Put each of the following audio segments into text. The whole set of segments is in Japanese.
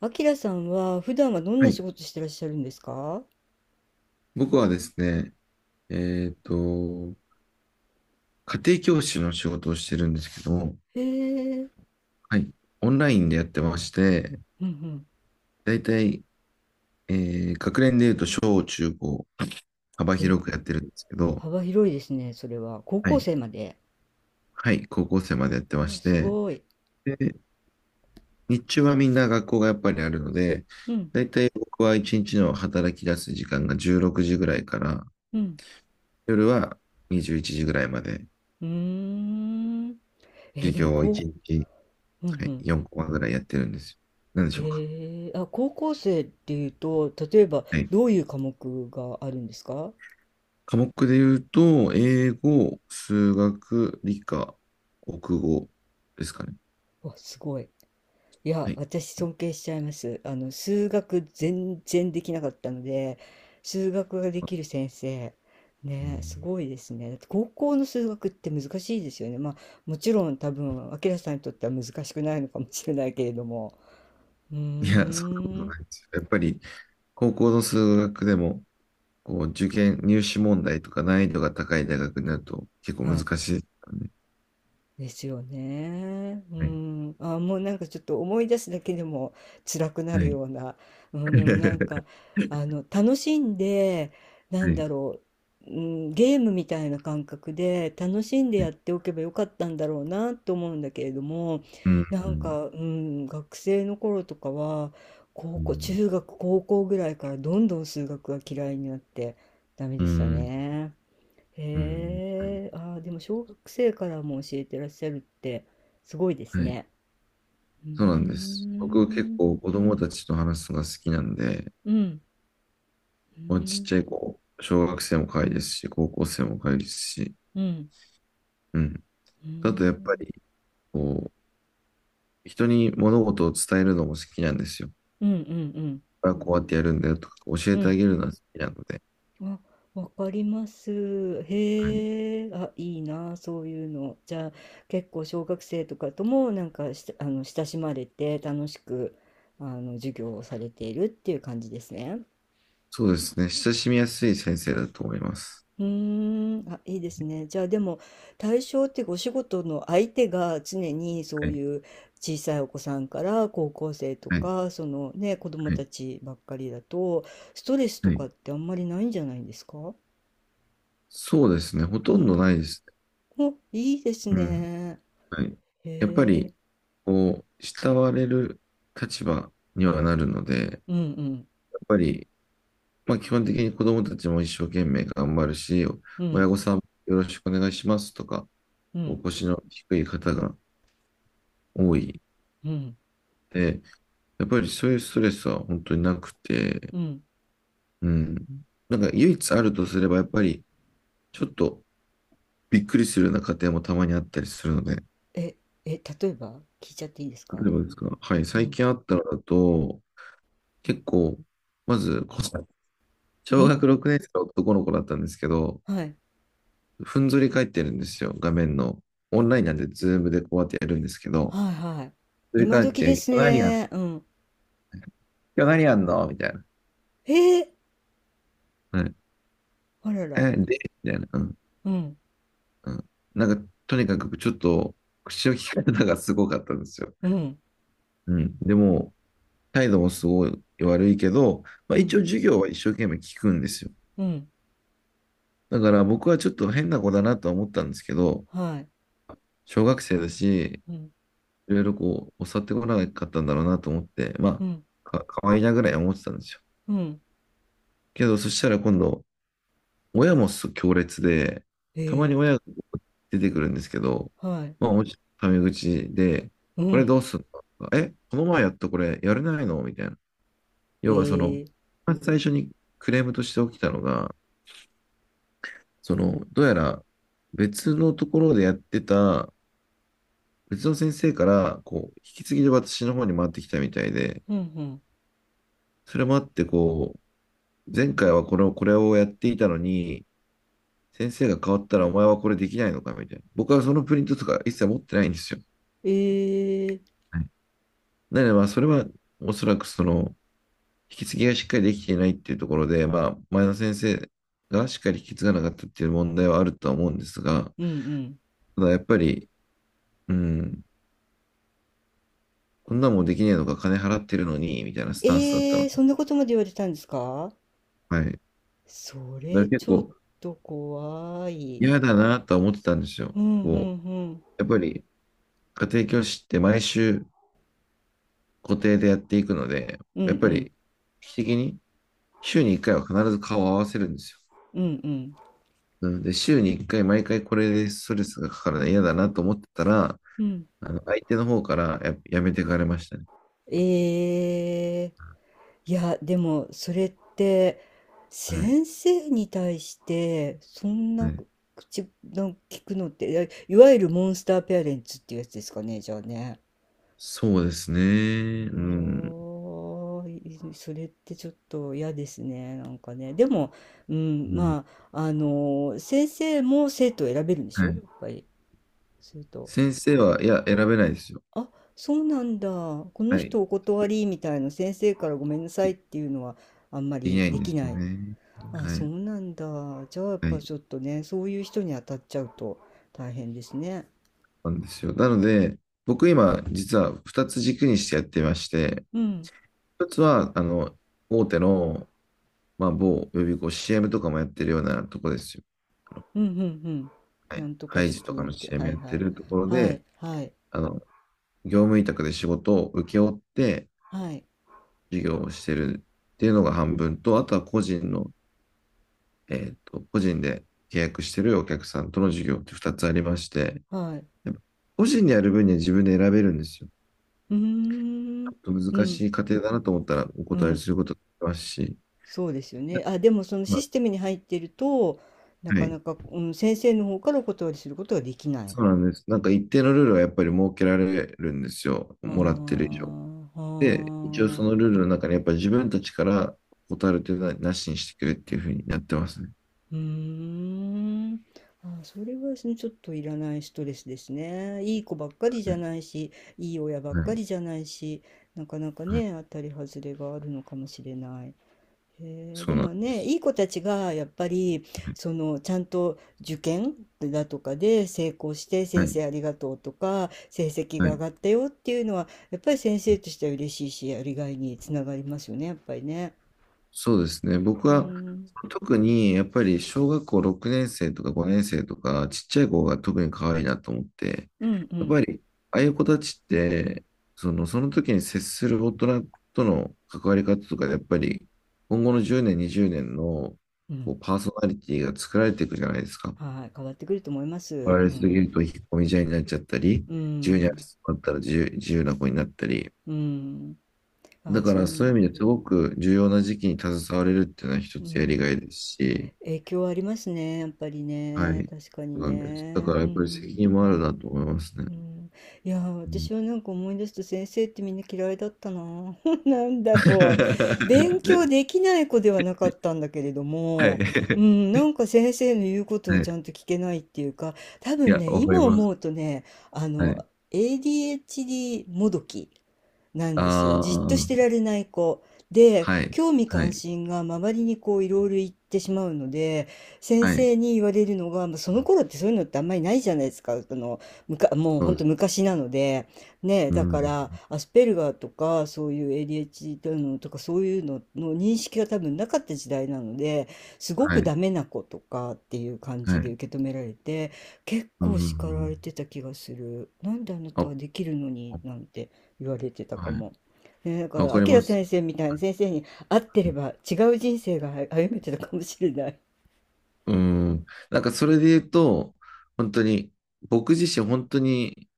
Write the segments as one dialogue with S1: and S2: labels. S1: あきらさんは普段はどん
S2: は
S1: な仕
S2: い。
S1: 事してらっしゃるんですか？
S2: 僕はですね、えっと、家庭教師の仕事をしてるんですけども、
S1: へえ、
S2: はい。オンラインでやってまして、
S1: うんうん。
S2: だいたい、え学年で言うと小中高、幅
S1: え、
S2: 広くやってるんですけど、
S1: 幅広いですね、それは。高
S2: は
S1: 校
S2: い。
S1: 生まで。
S2: はい。高校生までやってま
S1: わあ、
S2: し
S1: す
S2: て、
S1: ごい。
S2: で、日中はみんな学校がやっぱりあるので、
S1: うん、
S2: だいたい僕は一日の働き出す時間が16時ぐらいから、
S1: うん。
S2: 夜は21時ぐらいまで、
S1: うーん。え
S2: 授
S1: でも、
S2: 業を一
S1: こ
S2: 日、
S1: う、うんう
S2: はい、
S1: ん。
S2: 4コマぐらいやってるんですよ。何でしょうか。
S1: へえ、あ、高校生っていうと、例えば、
S2: はい。
S1: どういう科目があるんですか？
S2: 科目で言うと、英語、数学、理科、国語ですかね。
S1: わ、すごい。い
S2: は
S1: や、
S2: い。
S1: 私尊敬しちゃいます。数学全然できなかったので、数学ができる先生、
S2: う
S1: ね、す
S2: ん。
S1: ごいですね。だって高校の数学って難しいですよね。まあ、もちろん多分、明さんにとっては難しくないのかもしれないけれども。うー
S2: いや、そんなこ
S1: ん。
S2: とないですよ。やっぱり、高校の数学でも、こう、受験、入試問題とか難易度が高い大学になると結構
S1: は
S2: 難
S1: い。
S2: しいですからね。
S1: ですよね。うん。あ、もうなんかちょっと思い出すだけでも辛くな
S2: はい。
S1: る
S2: はい。
S1: ような。うん、でもなんか、楽しんで、な
S2: は
S1: ん
S2: い。
S1: だろう、うん、ゲームみたいな感覚で楽しんで
S2: は
S1: やっ
S2: い。
S1: ておけばよかったんだろうなと思うんだけれども、
S2: うん。
S1: な
S2: う
S1: ん
S2: ん。
S1: か、うん、学生の頃とかは、高
S2: う
S1: 校、
S2: ん。
S1: 中学、高校ぐらいからどんどん数学が嫌いになってダメ
S2: う
S1: でした
S2: ん。
S1: ね。
S2: うん。は
S1: へえ、ああ、でも小学生からも教えてらっしゃるってすごいで
S2: い。
S1: す
S2: はい。
S1: ね。うー
S2: そうなんです。僕結
S1: ん、
S2: 構子供たちと話すのが好きなんで、
S1: うん、う
S2: まあ、ちっ
S1: ん、
S2: ちゃい子、小学生も可愛いですし、高校生も可愛いですし、
S1: うん、
S2: うん。
S1: う
S2: あとやっぱり、
S1: ん、
S2: こう、人に物事を伝えるのも好きなんですよ。
S1: うん、うん、うん、
S2: これはこうやってやるんだよとか、教
S1: う
S2: えてあ
S1: ん。
S2: げるのは好きなので、
S1: あ、わかります。
S2: はい。
S1: へえ、あ、いいな、そういうの。じゃあ、結構小学生とかともなんかし、親しまれて楽しく、授業をされているっていう感じですね。
S2: そうですね。親しみやすい先生だと思います。
S1: うーん、あ、いいですね。じゃあでも対象ってお仕事の相手が常にそ
S2: は
S1: う
S2: い。
S1: いう小さいお子さんから高校生と
S2: はい。
S1: かそのね子供
S2: はい。
S1: たちばっかりだとストレスと
S2: は
S1: か
S2: い。
S1: ってあんまりないんじゃないんですか？
S2: そうですね。ほ
S1: う
S2: とんど
S1: ん。
S2: ないです
S1: お、いいです
S2: ね。うん。
S1: ね。
S2: はい。
S1: へ
S2: やっぱ
S1: え。
S2: り、こう、慕われる立場にはなるので、やっ
S1: うんうん
S2: ぱり、まあ、基本的に子どもたちも一生懸命頑張るし、
S1: う
S2: 親
S1: ん
S2: 御さんもよろしくお願いしますとか、
S1: う
S2: お
S1: ん
S2: 腰の低い方が多い
S1: うん
S2: で、やっぱりそういうストレスは本当になくて、
S1: うん
S2: うん。なんか唯一あるとすれば、やっぱりちょっとびっくりするような家庭もたまにあったりするので、
S1: え、例えば聞いちゃっていいですか？
S2: 例えばですか、はい、
S1: う
S2: 最
S1: ん。
S2: 近あったのだと、結構、まず、小
S1: ん
S2: 学6年生の男の子だったんですけど、
S1: はい。
S2: ふんぞり返ってるんですよ、画面の。オンラインなんで、ズームでこうやってやるんですけど、
S1: はいはい。
S2: 振り
S1: 今
S2: 返っ
S1: 時で
S2: て、
S1: す
S2: 今日何やん、
S1: ね。うん。
S2: 今日何やんのみたいな。
S1: へえ。
S2: は
S1: あらら。
S2: え、で、みたいな。うん。
S1: うん、
S2: うん。なんか、とにかくちょっと、口の利き方がすごかったんですよ。
S1: うん、
S2: うん。でも、態度もすごい悪いけど、まあ、
S1: う
S2: 一応
S1: ん、
S2: 授業は一生懸命聞くんですよ。
S1: うん、
S2: だから僕はちょっと変な子だなとは思ったんですけど、
S1: はい、
S2: 小学生だし、
S1: うん、
S2: いろいろこう、教わってこなかったんだろうなと思って、
S1: う
S2: ま
S1: ん、
S2: あ、か、かわいいなぐらい思ってたんですよ。
S1: うん、
S2: けど、そしたら今度、親もす強烈で、
S1: え
S2: たまに
S1: え、
S2: 親が出てくるんですけど、
S1: はい、
S2: まあ、おじタメ口で、
S1: う
S2: これ
S1: ん、
S2: どうすんのえ、この前やったこれやれないのみたいな。要はその、
S1: えー
S2: まず最初にクレームとして起きたのが、その、どうやら別のところでやってた、別の先生から、こう、引き継ぎで私の方に回ってきたみたいで、
S1: うん、うん、
S2: それもあって、こう、前回はこれを、これをやっていたのに、先生が変わったらお前はこれできないのかみたいな。僕はそのプリントとか一切持ってないんですよ。
S1: えー
S2: はい。なので、まあ、それはおそらくその、引き継ぎがしっかりできていないっていうところで、まあ、前の先生がしっかり引き継がなかったっていう問題はあるとは思うんですが、
S1: うん、うん。
S2: ただやっぱり、うん、こんなもんできねえのか、金払ってるのに、みたいなスタンスだった
S1: え
S2: の。
S1: ーそんなことまで言われたんですか？
S2: はい。だか
S1: そ
S2: ら
S1: れ、
S2: 結
S1: ちょっ
S2: 構
S1: と怖い。
S2: 嫌だなとは思ってたんですよ。
S1: うん、うん、う
S2: こう、
S1: ん、
S2: やっぱり家庭教師って毎週固定でやっていくので、
S1: うん、う
S2: やっぱ
S1: ん、
S2: り、定期的に週に1回は必ず顔を合わせるんですよ。
S1: うん、うん、
S2: なので、週に1回毎回これでストレスがかかるの嫌だなと思ってたら、
S1: うん。
S2: あの相手の方からや、やめてかれましたね。
S1: ええいや、でも、それって、
S2: はい。
S1: 先生に対して、そん
S2: は
S1: な
S2: い。
S1: 口の聞くのって、いやいわゆるモンスターペアレンツっていうやつですかね、じゃあね。
S2: そうですね。うん。
S1: おー、それってちょっと嫌ですね、なんかね。でも、うん、
S2: うん。
S1: まあ、あの、先生も生徒を選べるんでし
S2: は
S1: ょ
S2: い。
S1: やっぱり、すると。
S2: 先生は、いや、選べないですよ。
S1: あ、そうなんだ。この
S2: はい。
S1: 人お断りみたいな先生からごめんなさいっ
S2: で、
S1: ていうのはあんま
S2: でき
S1: り
S2: ない
S1: で
S2: んで
S1: き
S2: す
S1: な
S2: よ
S1: い。
S2: ね。
S1: あ、
S2: は
S1: そう
S2: い。
S1: なんだ。じゃあやっ
S2: は
S1: ぱ
S2: い。
S1: ちょっとね、そういう人に当たっちゃうと大変ですね。
S2: なんですよ。なので、僕今、実は2つ軸にしてやってまして、
S1: うん、
S2: 1つは、あの、大手のまあ、某予備校、CM とかもやってるようなとこですよ。あの、
S1: うん、うん、うん。
S2: は
S1: な
S2: い。
S1: んとか
S2: ハイジとか
S1: 塾っ
S2: の
S1: て、は
S2: CM
S1: い
S2: やっ
S1: は
S2: て
S1: い。
S2: るところ
S1: はい、
S2: で、
S1: はい、
S2: あの、業務委託で仕事を請け負って
S1: はい、
S2: 授業をしてるっていうのが半分と、あとは個人の、個人で契約してるお客さんとの授業って2つありまして、
S1: はい。
S2: やっぱ個人でやる分には自分で選べるんですよ。
S1: うーん、
S2: ちょっと
S1: う
S2: 難
S1: ん、
S2: しい過程だなと思ったらお
S1: う
S2: 答え
S1: ん。
S2: することができますし、
S1: そうですよね。あ、でもそのシ
S2: ま
S1: ステムに入ってると、な
S2: あ、は
S1: か
S2: い。
S1: なか、うん、先生の方からお断りすることができない。
S2: そうなんです。なんか一定のルールはやっぱり設けられるんですよ。
S1: ああ、
S2: もらってる以上。
S1: は
S2: で、一応そのルー
S1: あ。
S2: ルの中にやっぱ自分たちから断るというのはなしにしてくれっていうふうにやってますね。
S1: うーん。あ、それはそのちょっといらないストレスですね。いい子ばっかりじ
S2: は
S1: ゃ
S2: い。
S1: ないし、いい親ばっ
S2: は
S1: か
S2: い。
S1: りじゃないし、なかなか
S2: はい。
S1: ね、当たり外れがあるのかもしれない。へえ、
S2: そ
S1: で
S2: うなん
S1: も
S2: で
S1: ね、
S2: す。
S1: いい子たちがやっぱり、
S2: はい。
S1: その、ちゃんと受験だとかで成功して、
S2: は
S1: 先
S2: い。
S1: 生ありがとうとか、成績が上がったよっていうのは、やっぱり先生としては嬉しいし、やりがいにつながりますよね、やっぱりね。
S2: そうですね。僕
S1: う
S2: は
S1: ん、
S2: 特にやっぱり小学校6年生とか5年生とかちっちゃい子が特に可愛いなと思って、
S1: うん、う
S2: やっ
S1: ん、
S2: ぱりああいう子たちって、その、その時に接する大人との関わり方とかでやっぱり今後の10年、20年の
S1: う
S2: こ
S1: ん。
S2: うパーソナリティが作られていくじゃないですか。
S1: はい、変わってくると思いま
S2: 取
S1: す。
S2: ら
S1: う
S2: れすぎ
S1: ん。
S2: ると引っ込み思案になっちゃったり、
S1: うー
S2: 自由に遊
S1: ん。
S2: びったら自由、自由な子になったり、
S1: うん。あ
S2: だ
S1: あ、
S2: か
S1: そ
S2: ら
S1: う
S2: そ
S1: い
S2: うい
S1: う、
S2: う意味ですごく重要な時期に携われるっていうのは一
S1: う
S2: つやりが
S1: ん。
S2: いですし、
S1: 影響ありますね、やっぱり
S2: は
S1: ね。
S2: い、
S1: 確かに
S2: そうなんです。だか
S1: ね。
S2: ら
S1: う
S2: やっぱり責任もあ
S1: ん。
S2: るなと思いますね。
S1: うん。いやー、
S2: うん。
S1: 私はなんか思い出すと先生ってみんな嫌いだったな。なんだ ろう。勉強できない子ではなかったんだけれど
S2: はい。
S1: も、う ん、なんか先生の言うことを
S2: はい。
S1: ちゃんと聞けないっていうか、多
S2: い
S1: 分
S2: や、
S1: ね、
S2: わかり
S1: 今
S2: ま
S1: 思
S2: す。
S1: うとね、あ
S2: は
S1: の、
S2: い。
S1: ADHD もどき。なんですよ。
S2: あ
S1: じっとして
S2: あ、
S1: られない子。で、
S2: はい。
S1: 興味
S2: は
S1: 関
S2: い。
S1: 心が周りにこういろいろ行ってしまうので、先
S2: はい。
S1: 生に言われるのが、まあ、その頃ってそういうのってあんまりないじゃないですか。もう
S2: そ
S1: ほ
S2: う
S1: ん
S2: で
S1: と
S2: す。
S1: 昔なので。ね、
S2: う
S1: だか
S2: ん。
S1: ら、アスペルガーとか、そういう ADHD のとか、そういうのの認識が多分なかった時代なので、すご
S2: は
S1: く
S2: い。
S1: ダメな子とかっていう感
S2: は
S1: じで
S2: い。
S1: 受け止められて、結
S2: う
S1: 構叱ら
S2: ん。
S1: れてた気がする。なんであなた
S2: あ、
S1: はできるのに、なんて。言われてたか
S2: はい。
S1: も。ね、だか
S2: わか
S1: ら、
S2: り
S1: 明
S2: ます。
S1: 先生みたいな先生に会ってれば違う人生が歩めてたかもしれない。
S2: うん。なんかそれで言うと、本当に、僕自身本当に、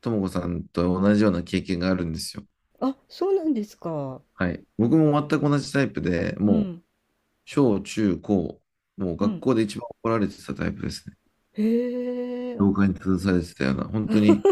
S2: ともこさんと同じような経験があるんですよ。
S1: あ、そうなんですか？
S2: はい。僕も全く同じタイプで、
S1: う
S2: もう、
S1: ん、
S2: 小、中、高、もう
S1: う
S2: 学
S1: ん。
S2: 校で一番怒られてたタイプですね。
S1: へえ、あ、
S2: 教科に立たされてたような、本当に、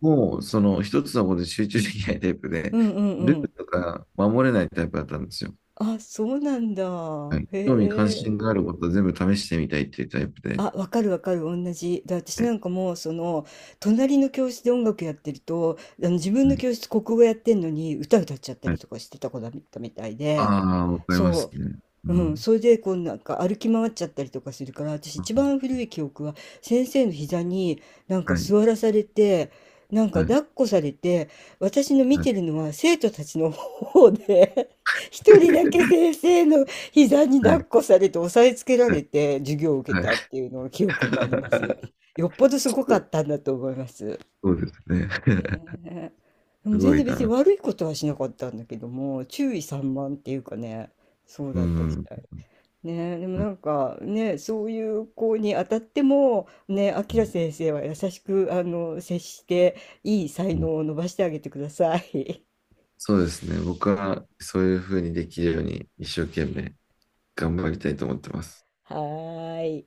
S2: もう、その一つのことで集中できないタイプ
S1: う
S2: で、
S1: んうん
S2: ルール
S1: うん。
S2: とか守れないタイプだったんですよ。
S1: あ、そうなんだ。
S2: はい。
S1: へ
S2: 興味関心
S1: え。
S2: があることを全部試してみたいっていうタイプ
S1: あ、
S2: で。
S1: わかるわかる、同じ。で、私
S2: は
S1: な
S2: い。
S1: んかもう、その、隣の教室で音楽やってると、あの自分の教室国語やってんのに歌歌っちゃった
S2: は
S1: り
S2: い。
S1: とかしてた子だったみたいで、
S2: ああ、わかります
S1: そ
S2: ね。う
S1: う。うん。
S2: ん。
S1: それで、こう、なんか歩き回っちゃったりとかするから、私一番古い記憶は、先生の膝になんか
S2: はい、
S1: 座らされて、なんか
S2: はい、
S1: 抱っこされて、私の見
S2: はい。
S1: てるのは生徒たちの方で、一人だけ 先生の膝に
S2: は
S1: 抱っ
S2: い、
S1: こされて押さえつけら
S2: は
S1: れて授業を受け
S2: い、は
S1: たっていうのを記憶があります。
S2: い。
S1: よっぽどすごかったんだと思います。
S2: そうですね。
S1: ねえ、で
S2: す
S1: も
S2: ご
S1: 全然
S2: い
S1: 別に
S2: な。
S1: 悪いことはしなかったんだけども、注意散漫っていうかね、そう
S2: う
S1: だった
S2: ん、
S1: み
S2: うん、
S1: たい。ねえ、でもな
S2: う
S1: んかね、そういう子に当たっても、ね、あきら
S2: ん、
S1: 先生は優しく接して、いい才
S2: うん。
S1: 能を伸ばしてあげてください。
S2: そうですね。僕はそういうふうにできるように一生懸命頑張りたいと思ってます。
S1: はーい。